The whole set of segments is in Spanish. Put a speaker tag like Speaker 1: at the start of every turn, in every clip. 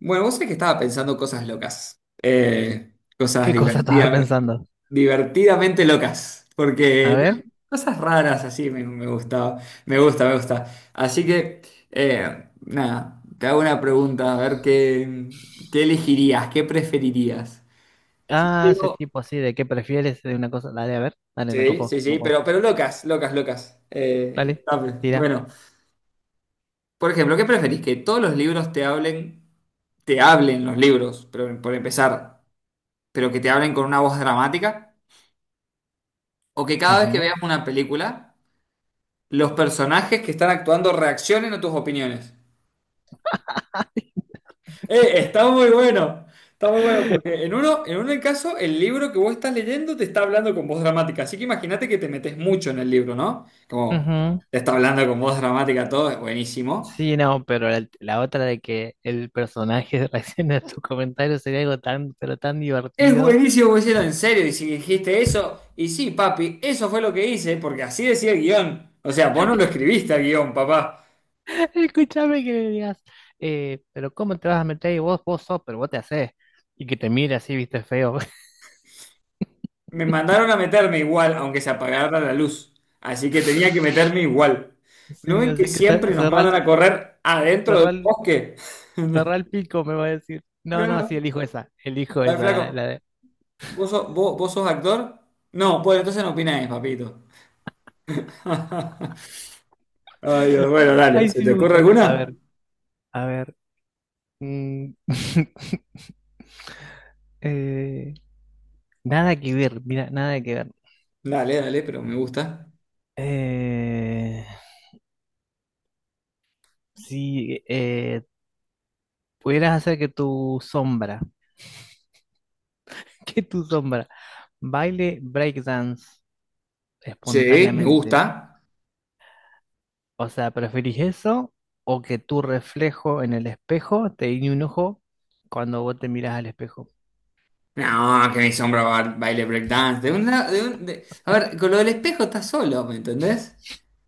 Speaker 1: Bueno, vos sabés que estaba pensando cosas locas, cosas
Speaker 2: ¿Qué cosa estaba pensando?
Speaker 1: divertidamente locas,
Speaker 2: A
Speaker 1: porque
Speaker 2: ver.
Speaker 1: no, cosas raras así me gustaba, me gusta. Así que, nada, te hago una pregunta, a ver qué elegirías, qué preferirías. Si
Speaker 2: Ah, ese
Speaker 1: digo-
Speaker 2: tipo así de qué prefieres de una cosa. Dale, a ver. Dale, me
Speaker 1: Sí,
Speaker 2: copó,
Speaker 1: sí,
Speaker 2: me
Speaker 1: sí,
Speaker 2: copó.
Speaker 1: pero locas, locas, locas.
Speaker 2: Dale,
Speaker 1: Dame.
Speaker 2: tira.
Speaker 1: Bueno, por ejemplo, ¿qué preferís? ¿Que todos los libros te hablen los libros, pero por empezar? Pero que te hablen con una voz dramática, o que cada vez que
Speaker 2: Ujú.
Speaker 1: veas una película, los personajes que están actuando reaccionen a tus opiniones. Eh, está muy bueno, está muy bueno, porque en uno, en un caso, el libro que vos estás leyendo te está hablando con voz dramática, así que imagínate que te metes mucho en el libro, ¿no? Como
Speaker 2: Ujú.
Speaker 1: te está hablando con voz dramática todo, es buenísimo.
Speaker 2: Sí, no, pero la otra de que el personaje reaccione a tus comentarios sería algo tan, pero tan
Speaker 1: Es
Speaker 2: divertido.
Speaker 1: buenísimo, vos decís, en serio, y si dijiste eso, y sí, papi, eso fue lo que hice, porque así decía el guión. O sea, vos no lo escribiste al guión, papá.
Speaker 2: Escúchame que le digas, pero ¿cómo te vas a meter? Y vos sos, pero vos te hacés. Y que te mire así, viste, feo.
Speaker 1: Me mandaron a meterme igual, aunque se apagara la luz. Así que tenía que meterme igual. ¿No
Speaker 2: Sí,
Speaker 1: ven que
Speaker 2: así que
Speaker 1: siempre nos
Speaker 2: cerrá
Speaker 1: mandan a correr adentro del
Speaker 2: cerrá el-
Speaker 1: bosque?
Speaker 2: el pico, me va a decir. No, no,
Speaker 1: Claro.
Speaker 2: sí, elijo
Speaker 1: A ver,
Speaker 2: esa,
Speaker 1: flaco, ¿vos sos actor? No, pues entonces no opináis, papito. Ay, Dios, bueno, dale.
Speaker 2: Ay,
Speaker 1: ¿Se
Speaker 2: sí
Speaker 1: te
Speaker 2: me
Speaker 1: ocurre
Speaker 2: gustó. A
Speaker 1: alguna?
Speaker 2: ver, a ver. Mm. eh, nada que ver, mira, nada que ver.
Speaker 1: Dale, dale, pero me gusta.
Speaker 2: Eh, si pudieras hacer que tu sombra, que tu sombra, baile breakdance
Speaker 1: Sí, me
Speaker 2: espontáneamente,
Speaker 1: gusta.
Speaker 2: o sea, ¿preferís eso o que tu reflejo en el espejo te guiñe un ojo cuando vos te mirás al espejo?
Speaker 1: No, que mi sombra un baile breakdance. De una, de un, de- A ver, con lo del espejo estás solo, ¿me entendés?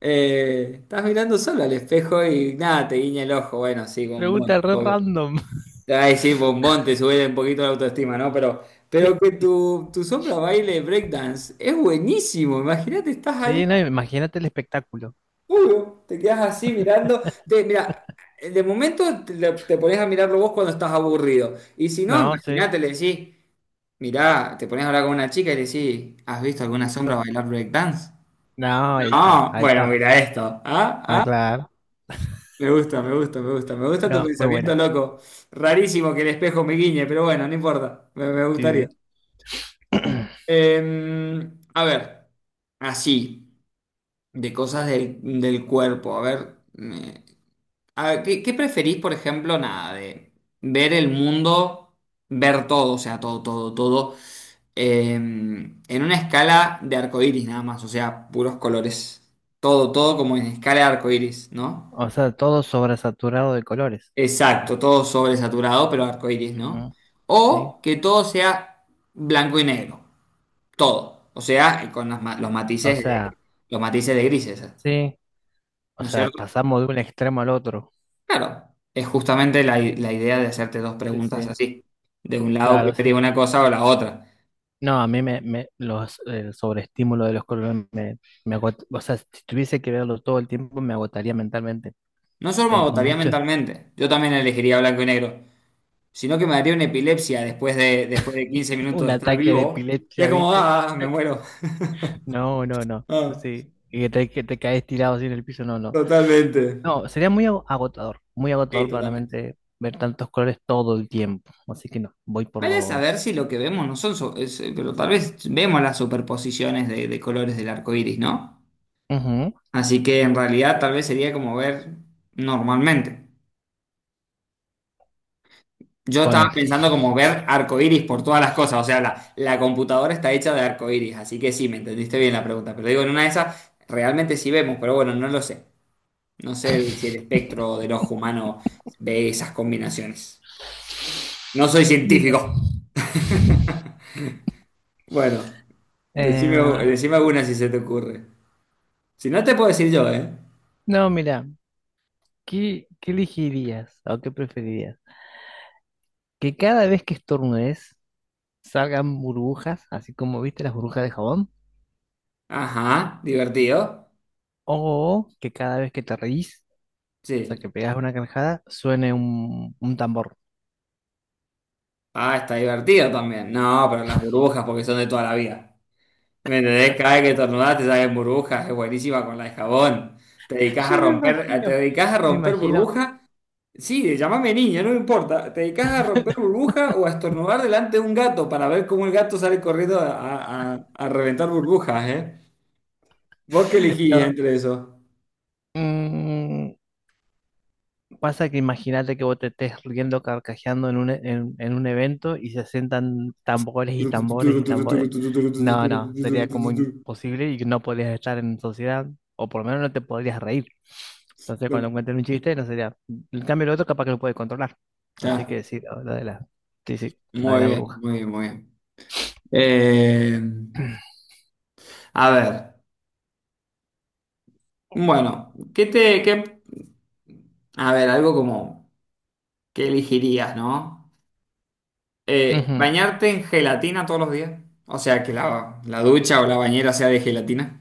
Speaker 1: Estás mirando solo al espejo y nada, te guiña el ojo. Bueno, sí, bombón,
Speaker 2: Pregunta re
Speaker 1: obvio.
Speaker 2: random.
Speaker 1: Te va a decir bombón, te sube un poquito la autoestima, ¿no? Pero que tu sombra baile breakdance es buenísimo. Imagínate, estás ahí,
Speaker 2: Sí, no, imagínate el espectáculo.
Speaker 1: puro, te quedas así mirando. Mira, de momento te pones a mirarlo vos cuando estás aburrido. Y si no,
Speaker 2: No, sí.
Speaker 1: imagínate, le decís. Mirá, te pones a hablar con una chica y le decís, ¿has visto alguna sombra
Speaker 2: Eso.
Speaker 1: bailar breakdance?
Speaker 2: No, ahí está,
Speaker 1: No,
Speaker 2: ahí
Speaker 1: bueno,
Speaker 2: está.
Speaker 1: mira esto. Ah,
Speaker 2: Ah,
Speaker 1: ah,
Speaker 2: claro.
Speaker 1: me gusta. Me gusta tu
Speaker 2: No, muy
Speaker 1: pensamiento
Speaker 2: buena.
Speaker 1: loco. Rarísimo que el espejo me guiñe, pero bueno, no importa. Me
Speaker 2: Sí,
Speaker 1: gustaría.
Speaker 2: sí.
Speaker 1: Eh, a ver, así, de cosas del cuerpo. A ver, a ver, ¿qué preferís, por ejemplo, nada, de ver el mundo, ver todo, o sea, todo, todo, todo? En una escala de arcoíris nada más, o sea, puros colores. Todo, todo como en escala de arcoíris, ¿no?
Speaker 2: O sea, todo sobresaturado de colores.
Speaker 1: Exacto, todo sobresaturado, pero arcoíris, ¿no?
Speaker 2: Ujú. Sí.
Speaker 1: O que todo sea blanco y negro, todo. O sea, con las los
Speaker 2: O
Speaker 1: matices
Speaker 2: sea,
Speaker 1: los matices de grises,
Speaker 2: sí. O
Speaker 1: ¿no es
Speaker 2: sea,
Speaker 1: cierto?
Speaker 2: pasamos de un extremo al otro.
Speaker 1: Claro, es justamente la idea de hacerte dos
Speaker 2: Sí,
Speaker 1: preguntas
Speaker 2: sí.
Speaker 1: así. De un lado
Speaker 2: Claro, sí,
Speaker 1: preferiría una
Speaker 2: sí.
Speaker 1: cosa o la otra.
Speaker 2: No, a mí el sobreestímulo de los colores me agota. O sea, si tuviese que verlo todo el tiempo, me agotaría mentalmente.
Speaker 1: No solo me
Speaker 2: Es
Speaker 1: agotaría
Speaker 2: mucho.
Speaker 1: mentalmente, yo también elegiría blanco y negro, sino que me daría una epilepsia después de 15 minutos
Speaker 2: Un
Speaker 1: de estar
Speaker 2: ataque de
Speaker 1: vivo. Y es
Speaker 2: epilepsia,
Speaker 1: como,
Speaker 2: ¿viste?
Speaker 1: ah, me muero.
Speaker 2: No, no, no.
Speaker 1: Ah,
Speaker 2: Sí. Y que te caes tirado así en el piso. No, no.
Speaker 1: totalmente.
Speaker 2: No, sería muy agotador, muy
Speaker 1: Sí,
Speaker 2: agotador para la
Speaker 1: totalmente.
Speaker 2: mente ver tantos colores todo el tiempo. Así que no, voy por
Speaker 1: Vale saber
Speaker 2: los...
Speaker 1: si lo que vemos no son, pero tal vez vemos las superposiciones de colores del arco iris, ¿no?
Speaker 2: Ujú,
Speaker 1: Así que en realidad tal vez sería como ver normalmente. Yo estaba
Speaker 2: ponele.
Speaker 1: pensando como ver arco iris por todas las cosas, o sea, la computadora está hecha de arco iris, así que sí, me entendiste bien la pregunta, pero digo, en una de esas realmente sí vemos, pero bueno, no lo sé. Si el espectro del ojo humano ve esas combinaciones. No soy
Speaker 2: Mira.
Speaker 1: científico. Bueno, decime,
Speaker 2: Eh,
Speaker 1: decime alguna si se te ocurre. Si no, te puedo decir yo, ¿eh?
Speaker 2: no, mira, qué elegirías o qué preferirías? ¿Que cada vez que estornudes salgan burbujas, así como viste las burbujas de jabón?
Speaker 1: Ajá, divertido.
Speaker 2: ¿O que cada vez que te reís, o sea,
Speaker 1: Sí.
Speaker 2: que pegas una carcajada, suene un tambor?
Speaker 1: Ah, está divertido también. No, pero las burbujas porque son de toda la vida. ¿Me entendés? Cada vez que estornudás te salen burbujas. Es buenísima con la de jabón.
Speaker 2: Yo me
Speaker 1: Te
Speaker 2: imagino,
Speaker 1: dedicás a
Speaker 2: me
Speaker 1: romper
Speaker 2: imagino.
Speaker 1: burbujas. Sí, llámame niña, no me importa. ¿Te dedicas a romper burbuja o a estornudar delante de un gato para ver cómo el gato sale corriendo a, a reventar burbujas, eh? ¿Vos qué elegís
Speaker 2: No.
Speaker 1: entre eso?
Speaker 2: Mm. Pasa que imagínate que vos te estés riendo, carcajeando en en un evento y se sientan tambores y
Speaker 1: No,
Speaker 2: tambores y tambores. No, no, sería como imposible y no podrías estar en sociedad, o por lo menos no te podrías reír. Entonces, cuando encuentren un chiste, no sería. En cambio, el otro capaz que lo puede controlar. Así
Speaker 1: ya,
Speaker 2: que sí, la lo de la. Sí, sí, lo de
Speaker 1: muy
Speaker 2: la
Speaker 1: bien,
Speaker 2: bruja.
Speaker 1: muy bien, muy bien. Eh, a ver, bueno, ¿qué te, qué, a ver, algo como, ¿qué elegirías, no?
Speaker 2: Ujú.
Speaker 1: ¿Bañarte en gelatina todos los días? O sea, que la ducha o la bañera sea de gelatina.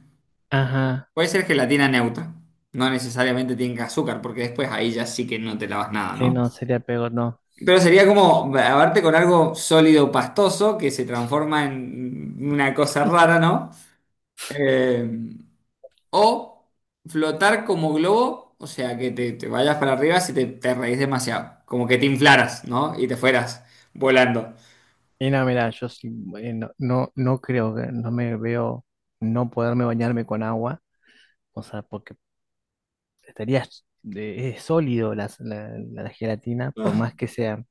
Speaker 2: Ajá.
Speaker 1: Puede ser gelatina neutra. No necesariamente tenga azúcar, porque después ahí ya sí que no te lavas nada,
Speaker 2: Sí,
Speaker 1: ¿no?
Speaker 2: no, sería peor, no.
Speaker 1: Pero sería como lavarte con algo sólido, pastoso, que se transforma en una cosa rara, ¿no? Eh, o flotar como globo, o sea, que te vayas para arriba si te reís demasiado. Como que te inflaras, ¿no? Y te fueras volando.
Speaker 2: Sí. Y no, mira, yo sí, no creo que no me veo no poderme bañarme con agua. O sea, porque estaría es sólido la gelatina, por más que sea.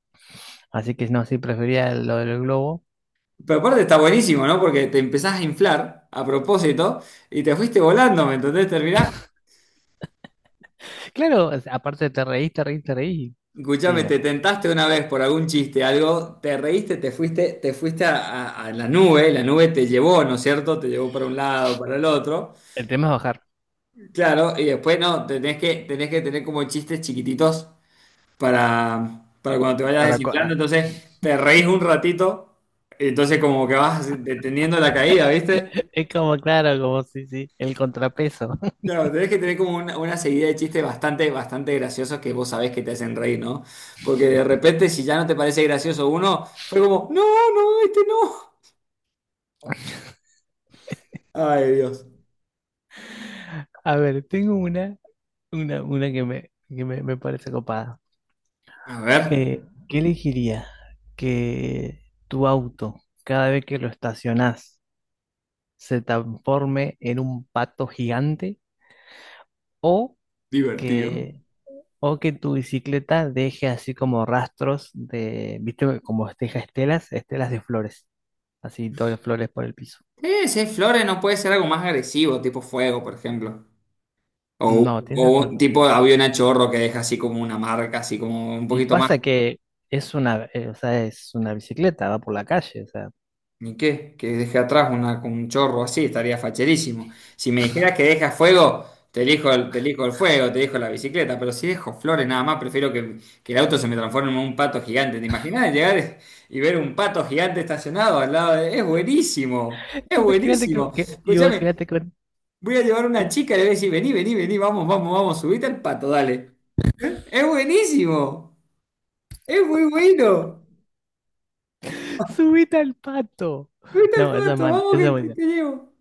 Speaker 2: Así que no, sí, prefería lo del globo.
Speaker 1: Pero aparte está buenísimo, ¿no? Porque te empezás a inflar a propósito y te fuiste volando, ¿me entendés? Terminás.
Speaker 2: Claro, aparte te reís, te reís, te reís. Sí,
Speaker 1: Escuchame,
Speaker 2: no.
Speaker 1: te tentaste una vez por algún chiste, algo, te reíste, te fuiste a, a la nube te llevó, ¿no es cierto? Te llevó para un lado, para el otro.
Speaker 2: El tema es bajar.
Speaker 1: Claro, y después no, tenés que tener como chistes chiquititos para cuando te vayas
Speaker 2: Para co-
Speaker 1: desinflando.
Speaker 2: ah,
Speaker 1: Entonces, te reís un ratito, y entonces como que vas deteniendo la caída, ¿viste?
Speaker 2: Es como, claro, como sí, sí, el contrapeso.
Speaker 1: Claro, tenés que tener como una seguida de chistes bastante graciosos que vos sabés que te hacen reír, ¿no? Porque de repente, si ya no te parece gracioso uno, fue como, no, no, este no. Ay, Dios.
Speaker 2: A ver, tengo una que me parece copada.
Speaker 1: A ver,
Speaker 2: Eh, ¿Qué elegiría? Que tu auto, cada vez que lo estacionás, se transforme en un pato gigante o
Speaker 1: divertido.
Speaker 2: que que tu bicicleta deje así como rastros de, viste, como deja estelas, estelas de flores, así todas las flores por el piso.
Speaker 1: Si es flores, no puede ser algo más agresivo, tipo fuego, por ejemplo. O,
Speaker 2: No, tienes
Speaker 1: o un
Speaker 2: razón.
Speaker 1: tipo de avión a chorro que deja así como una marca, así como un
Speaker 2: Y
Speaker 1: poquito más.
Speaker 2: pasa que es una, o sea, es una bicicleta, va por la calle, o sea.
Speaker 1: Ni qué, que deje atrás una, con un chorro así, estaría facherísimo. Si me dijeras que deja fuego, te elijo te elijo el fuego, te elijo la bicicleta, pero si dejo flores nada más, prefiero que el auto se me transforme en un pato gigante. ¿Te imaginas llegar y ver un pato gigante estacionado al lado de... Es buenísimo, es
Speaker 2: Imagínate
Speaker 1: buenísimo. Escúchame,
Speaker 2: imagínate que
Speaker 1: voy a llevar a una
Speaker 2: sí,
Speaker 1: chica y le voy a decir, vení, vení, vení, vamos, vamos, vamos, subite al pato, dale. ¿Eh? Es buenísimo, es muy bueno.
Speaker 2: subite al pato.
Speaker 1: Subite al
Speaker 2: No, esa es
Speaker 1: pato,
Speaker 2: mala,
Speaker 1: vamos
Speaker 2: esa es
Speaker 1: que
Speaker 2: buena.
Speaker 1: te llevo.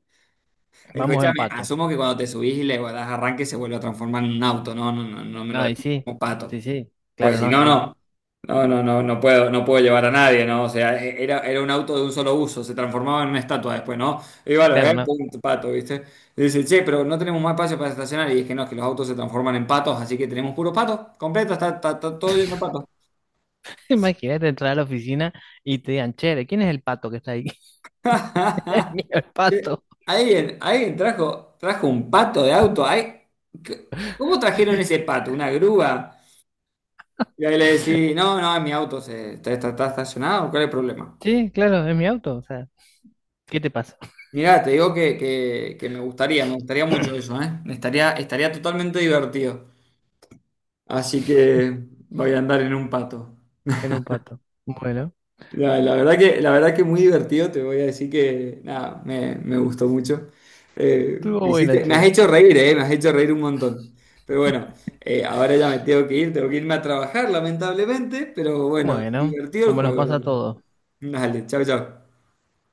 Speaker 2: Vamos en
Speaker 1: Escúchame,
Speaker 2: pato.
Speaker 1: asumo que cuando te subís y le das arranque se vuelve a transformar en un auto, no, no, no, no me lo
Speaker 2: No, y
Speaker 1: dejes
Speaker 2: sí,
Speaker 1: como pato.
Speaker 2: sí, sí, claro,
Speaker 1: Pues si
Speaker 2: no,
Speaker 1: no,
Speaker 2: sí,
Speaker 1: no, no, no, no, no puedo, no puedo llevar a nadie, ¿no? O sea, era un auto de un solo uso, se transformaba en una estatua después, ¿no? Iba a lo
Speaker 2: claro,
Speaker 1: ver,
Speaker 2: no.
Speaker 1: pum, pato, ¿viste? Y dice, che, pero no tenemos más espacio para estacionar. Y dije, no, es que los autos se transforman en patos, así que tenemos puros patos, completo, está todo lleno de patos.
Speaker 2: Imagínate entrar a la oficina y te digan, che, ¿quién es el pato que está ahí? Es mío el
Speaker 1: Che,
Speaker 2: pato.
Speaker 1: alguien, trajo un pato de auto, ¿ay? ¿qué- ¿Cómo trajeron ese pato? ¿Una grúa? Y ahí le decís, no, no, está estacionado, ¿cuál es el problema?
Speaker 2: Sí, claro, es mi auto. O sea, ¿qué te pasa?
Speaker 1: Mirá, te digo que me gustaría mucho eso, ¿eh? Estaría totalmente divertido. Así que voy a andar en un pato.
Speaker 2: Era un pato. Bueno,
Speaker 1: La verdad que muy divertido, te voy a decir que, nada, me gustó mucho.
Speaker 2: estuvo bueno,
Speaker 1: Me has
Speaker 2: che.
Speaker 1: hecho reír, ¿eh? Me has hecho reír un montón. Pero bueno, ahora ya me tengo que ir, tengo que irme a trabajar, lamentablemente, pero bueno,
Speaker 2: Bueno,
Speaker 1: divertido el
Speaker 2: como nos
Speaker 1: juego, la
Speaker 2: pasa a
Speaker 1: verdad.
Speaker 2: todos.
Speaker 1: Dale, chao, chao.